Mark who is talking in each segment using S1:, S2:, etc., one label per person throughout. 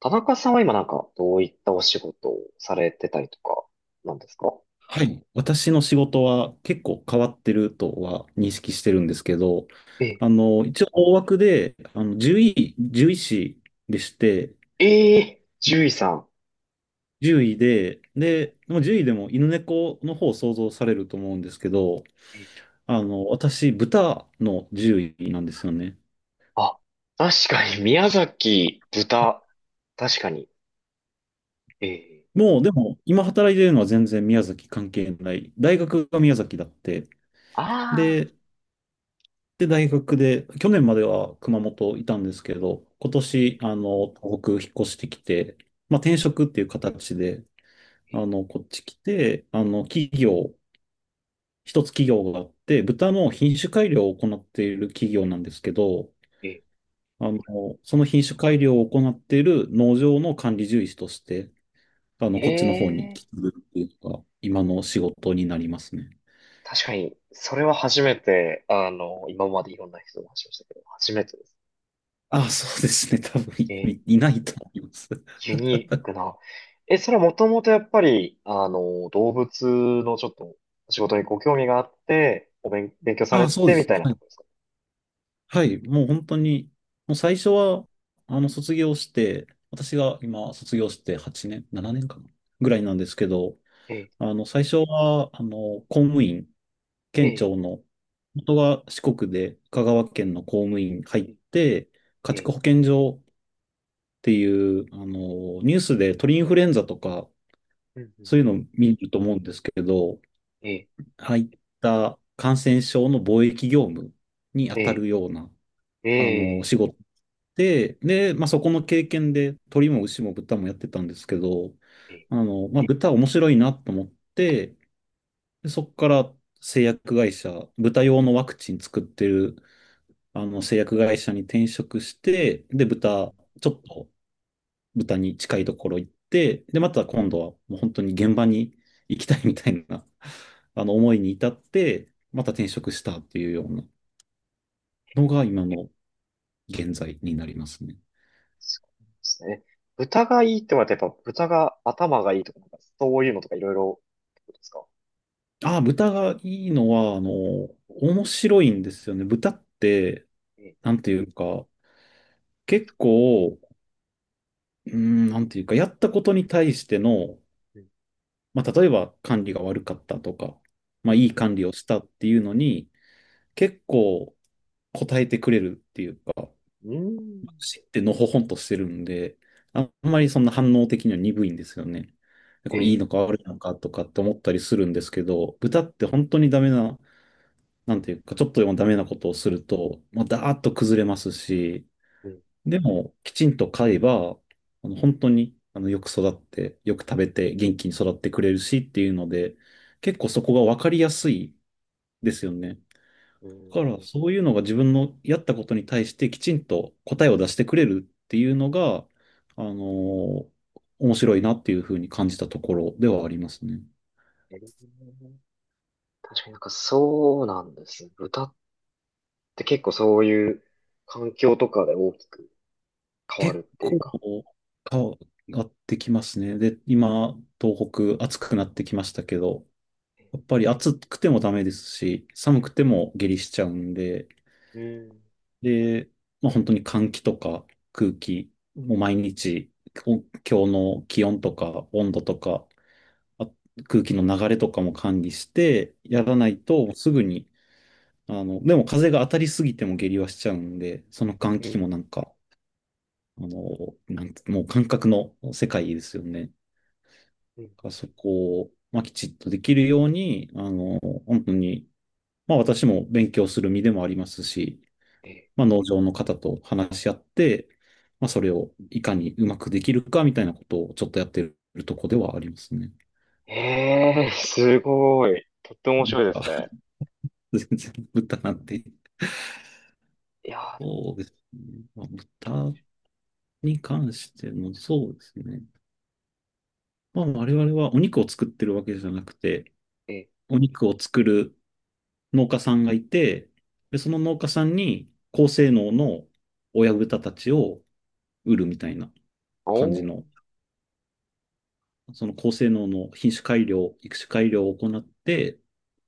S1: 田中さんは今、なんかどういったお仕事をされてたりとかなんですか？
S2: はい。私の仕事は結構変わってるとは認識してるんですけど、
S1: ええ、
S2: 一応大枠で、獣医師でして、
S1: ええ、獣医さん。
S2: 獣医で、で、まあ獣医でも犬猫の方を想像されると思うんですけど、
S1: え、
S2: 私、豚の獣医なんですよね。
S1: あ、確かに宮崎豚。確かに。ええ、
S2: もう、でも、今働いてるのは全然宮崎関係ない。大学が宮崎だって。
S1: ああ
S2: で、で、大学で、去年までは熊本いたんですけど、今
S1: ー、え
S2: 年、
S1: え、
S2: 東北引っ越してきて、まあ、
S1: え
S2: 転職っていう形で、
S1: え、
S2: こっち来て、一つ企業があって、豚の品種改良を行っている企業なんですけど、
S1: え
S2: その品種改良を行っている農場の管理獣医師として、
S1: え、
S2: こっちの方に
S1: え
S2: 来
S1: え、
S2: るっていうのが、今の仕事になりますね。
S1: 確かに、それは初めて、今までいろんな人の話をしたけど、初めてです。
S2: ああ、そうですね。多分
S1: ええ、
S2: いないと思います。
S1: ユニークな。え、それはもともとやっぱり、動物のちょっと仕事にご興味があって、勉強さ
S2: あ
S1: れ
S2: あ、そう
S1: て
S2: で
S1: み
S2: す。
S1: たいな
S2: は
S1: ところで
S2: い。
S1: すか？
S2: はい、もう本当に、もう最初は、卒業して、私が今、卒業して8年、7年かな、ぐらいなんですけど、
S1: ええ、
S2: 最初は、公務員、
S1: え
S2: 県
S1: え、
S2: 庁の、元が四国で、香川
S1: ええ、
S2: 県の公務員入って、
S1: え
S2: 家畜
S1: え、
S2: 保健所っていう、ニュースで鳥インフルエンザとか、
S1: うんうん
S2: そうい
S1: う
S2: う
S1: ん、
S2: の見ると思うんですけど、
S1: ええ、
S2: 入った感染症の防疫業務に当た
S1: え
S2: るような、
S1: え、ええ、
S2: 仕事で、で、まあ、そこの経験で鳥も牛も豚もやってたんですけど、
S1: ええ、
S2: まあ、豚面白いなと思って、でそこから製薬会社、豚用のワクチン作ってるあの製薬会社に転職して、で、
S1: うんう
S2: 豚、
S1: ん、
S2: ちょっと豚に近いところ行って、で、また今度はもう本当に現場に行きたいみたいな、あの思いに至って、また転職したっていうようなのが今の現在になりますね。
S1: そうですね。豚がいいってのはやっぱ豚が頭がいいとか、なんかそういうのとかいろいろってことですか？
S2: あ、豚がいいのは、面白いんですよね。豚って、
S1: ええ、
S2: なんていうか、結構、なんていうか、やったことに対しての、
S1: うん、
S2: まあ、例えば管理が悪かったとか、
S1: う
S2: まあ、
S1: ん、
S2: いい管理をしたっていうのに、結構答えてくれるっていうか、
S1: うん、うん、
S2: 知ってのほほんとしてるんで、あんまりそんな反応的には鈍いんですよね。で
S1: え
S2: これいい
S1: え、
S2: のか悪いのかとかって思ったりするんですけど、豚って本当にダメななんていうか、ちょっとでもダメなことをすると、まあダーッと崩れますし、
S1: うん、
S2: でも、きちんと飼えば、あの本当に、よく育って、よく食べて、元気に育ってくれるしっていうので、結構そこが分かりやすいですよね。
S1: う
S2: だから、
S1: ん、
S2: そういうのが自分のやったことに対してきちんと答えを出してくれるっていうのが、あのー面白いなっていうふうに感じたところではありますね。
S1: ええ、確かになんかそうなんですね。豚って結構そういう環境とかで大きく変わる
S2: 結
S1: っていう
S2: 構
S1: か。
S2: 変わってきますね。で、今、東北暑くなってきましたけど、やっぱり暑くてもダメですし、寒くても下痢しちゃうんで、
S1: うん。
S2: で、まあ、本当に換気とか空気、もう毎日、お今日の気温とか温度とか、あ空気の流れとかも管理してやらな
S1: え、
S2: いとすぐに、でも風が当たりすぎても下痢はしちゃうんで、その換
S1: う
S2: 気
S1: ん。
S2: もなんかあのなんつもう感覚の世界ですよね。
S1: うん。
S2: そこを、まあ、きちっとできるように、本当に、まあ、私も勉強する身でもありますし、
S1: え、
S2: まあ、農場の方と話し合って、まあ、それをいかにうまくできるかみたいなことをちょっとやってるとこではありますね。
S1: すごい。とっても面白いで
S2: あ、
S1: すね。
S2: 全然豚なんて、
S1: いやー、でも、
S2: そうですね。まあ、豚に関しての、そうですね。まあ、我々はお肉を作ってるわけじゃなくて、
S1: え、
S2: お肉を作る農家さんがいて、で、その農家さんに高性能の親豚たちを売るみたいな
S1: お
S2: 感じ
S1: ー、
S2: の、その高性能の品種改良、育種改良を行って、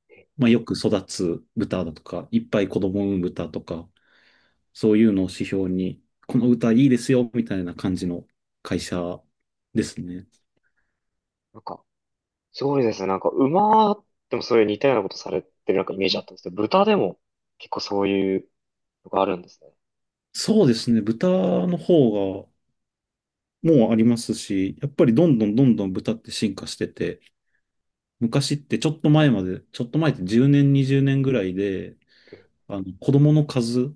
S1: え、
S2: まあ、よく育つ豚だとか、いっぱい子供を産む豚とか、そういうのを指標に、この豚いいですよ、みたいな感じの会社ですね。
S1: なんか、すごいですね。なんか、馬でもそういう似たようなことされてるなんかイメージあったんですけど、豚でも結構そういうのがあるんですね。
S2: そうですね。豚の方がもうありますし、やっぱりどんどんどんどん豚って進化してて、昔ってちょっと前まで、ちょっと前って10年、20年ぐらいで、あの子供の数、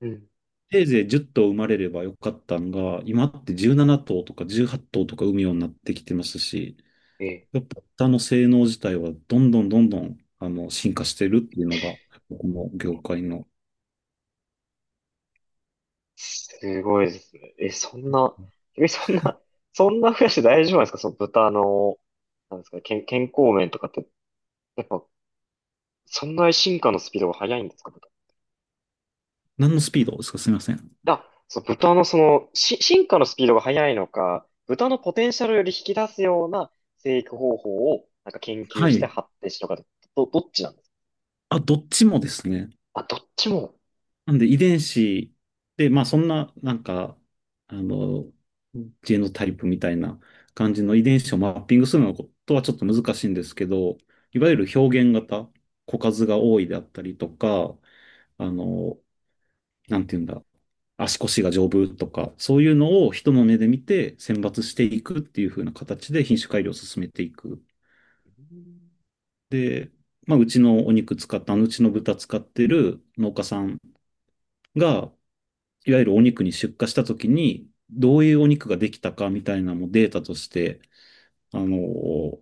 S1: うん。うん、
S2: せいぜい10頭生まれればよかったんが、今って17頭とか18頭とか産むようになってきてますし、
S1: え、
S2: やっぱ豚の性能自体はどんどんどんどんあの進化してるっていうのが、この業界の、
S1: すごいですね。え、そんな増やして大丈夫なんですかその豚の、なんですか、健康面とかって、やっぱ、そんな進化のスピードが速いんですか豚。
S2: 何のスピードですかすみません。
S1: あ、そう、豚のその、進化のスピードが速いのか、豚のポテンシャルより引き出すような生育方法を、なんか研究
S2: は
S1: して
S2: い。
S1: 発展しとかで、どっちなんです
S2: あ、どっちもですね。
S1: か？あ、どっちも、
S2: なんで遺伝子で、まあそんな、なんか、あの、ジェノタイプみたいな感じの遺伝子をマッピングするのことはちょっと難しいんですけど、いわゆる表現型、個数が多いであったりとか、あの、なんていうんだ、足腰が丈夫とか、そういうのを人の目で見て選抜していくっていう風な形で品種改良を進めていく。
S1: うん、
S2: で、まあ、うちのお肉使った、あのうちの豚使ってる農家さんが、いわゆるお肉に出荷したときに、どういうお肉ができたかみたいなのもデータとして、あの、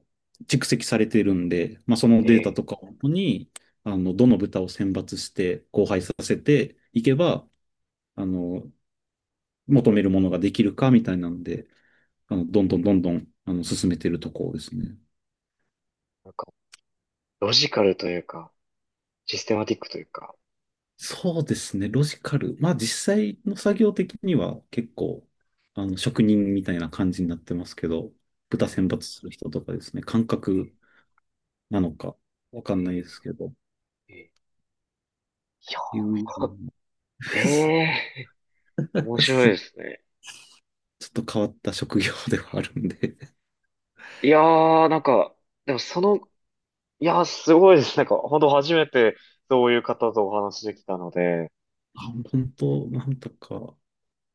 S2: 蓄積されているんで、まあ、その
S1: え
S2: データと
S1: え、
S2: かをもとに、どの豚を選抜して、交配させていけば、あの、求めるものができるかみたいなんで、どんどんどんどん、進めているところですね。
S1: なんか、ロジカルというか、システマティックというか、
S2: そうですね、ロジカル。まあ、実際の作業的には結構、職人みたいな感じになってますけど、
S1: う
S2: 豚選
S1: ん、
S2: 抜する人とかですね、感
S1: え
S2: 覚
S1: え、
S2: なのか、わかんないで
S1: え
S2: すけど、
S1: え、ええ、いや、
S2: 友人
S1: え えー、面白いですね。
S2: ちょっと変わった職業ではあるんで、
S1: いやー、なんか、でもその、いやー、すごいです。なんか、本当初めてそういう方とお話できたので、
S2: あ、本当、なんとか。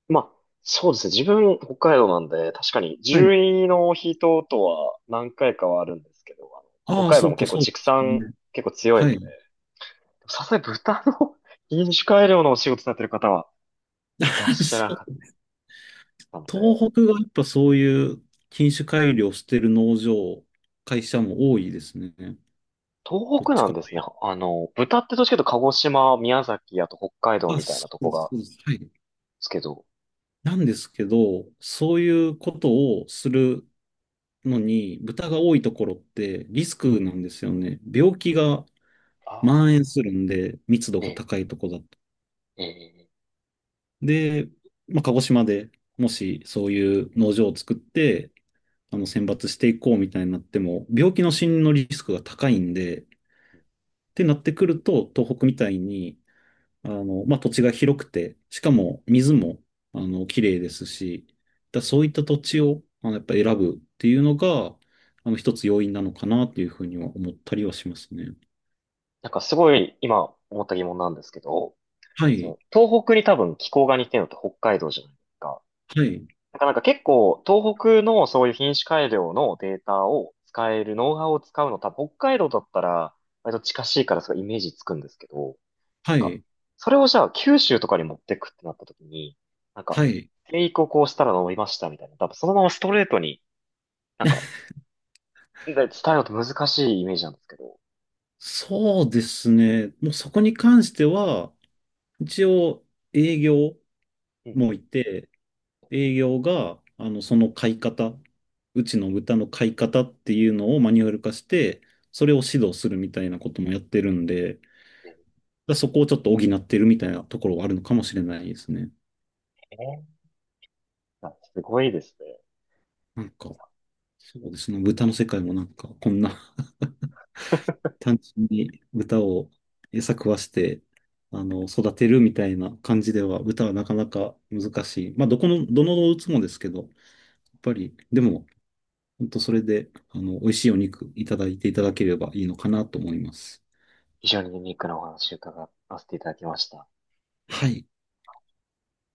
S1: まあ、そうですね。自分、北海道なんで、確かに、
S2: はい。
S1: 獣医の人とは何回かはあるんですけど、あの
S2: ああ、
S1: 北海道
S2: そ
S1: も
S2: うか、
S1: 結構
S2: そうで
S1: 畜
S2: す
S1: 産、
S2: ね。
S1: 結構強い
S2: は
S1: ので、
S2: い。
S1: さすがに豚の 品種改良のお仕事されてる方はいらっ しゃらな
S2: そ
S1: かっ
S2: う。
S1: たので、
S2: 東北がやっぱそういう品種改良してる農場、会社も多いですね。
S1: 東
S2: どっ
S1: 北
S2: ち
S1: なん
S2: か
S1: で
S2: と
S1: す
S2: い
S1: ね。
S2: う
S1: 豚ってどっちかというと鹿児島、宮崎、あと北海道
S2: と。あ、
S1: みたい
S2: そ
S1: なと
S2: う
S1: こ
S2: です、
S1: が
S2: そうです。はい。
S1: すけど、
S2: なんですけど、そういうことをするのに、豚が多いところってリスクなんですよね。病気が
S1: あ
S2: 蔓延
S1: あ、
S2: するんで、密度
S1: え
S2: が
S1: え、
S2: 高いとこだと。
S1: ええ、
S2: で、まあ、鹿児島でもしそういう農場を作って、選抜していこうみたいになっても、病気の死因のリスクが高いんで、ってなってくると、東北みたいに、まあ、土地が広くて、しかも水も、綺麗ですし、だ
S1: うん。
S2: そういった土地を、やっぱ選ぶっていうのが、一つ要因なのかなっていうふうには思ったりはしますね。
S1: なんかすごい今思った疑問なんですけど、
S2: は
S1: そ
S2: い、
S1: の東北に多分気候が似てるのって北海道じゃないですか。
S2: はい、
S1: なんか結構東北のそういう品種改良のデータを使える、ノウハウを使うの多分北海道だったら割と近しいからそのイメージつくんですけど、なん
S2: は
S1: か
S2: い、
S1: それをじゃあ九州とかに持ってくってなった時に、なんか
S2: はい。
S1: 生育をこうしたら伸びましたみたいな、多分そのままストレートになんかで伝えるのって難しいイメージなんですけど、
S2: そうですね。もうそこに関しては、一応営業
S1: う
S2: も
S1: ん、
S2: いて、営業が、その買い方、うちの豚の買い方っていうのをマニュアル化して、それを指導するみたいなこともやってるんで、だからそこをちょっと補ってるみたいなところはあるのかもしれないですね。
S1: ね。あ、すごいですね。
S2: なんか、そうですね。豚の世界もなんか、こんな 単純に豚を餌食わして、育てるみたいな感じでは、豚はなかなか難しい。まあ、どの動物もですけど、やっぱり、でも、本当それで、美味しいお肉いただいていただければいいのかなと思います。
S1: 非常にユニークなお話を伺わせていただきました。
S2: はい。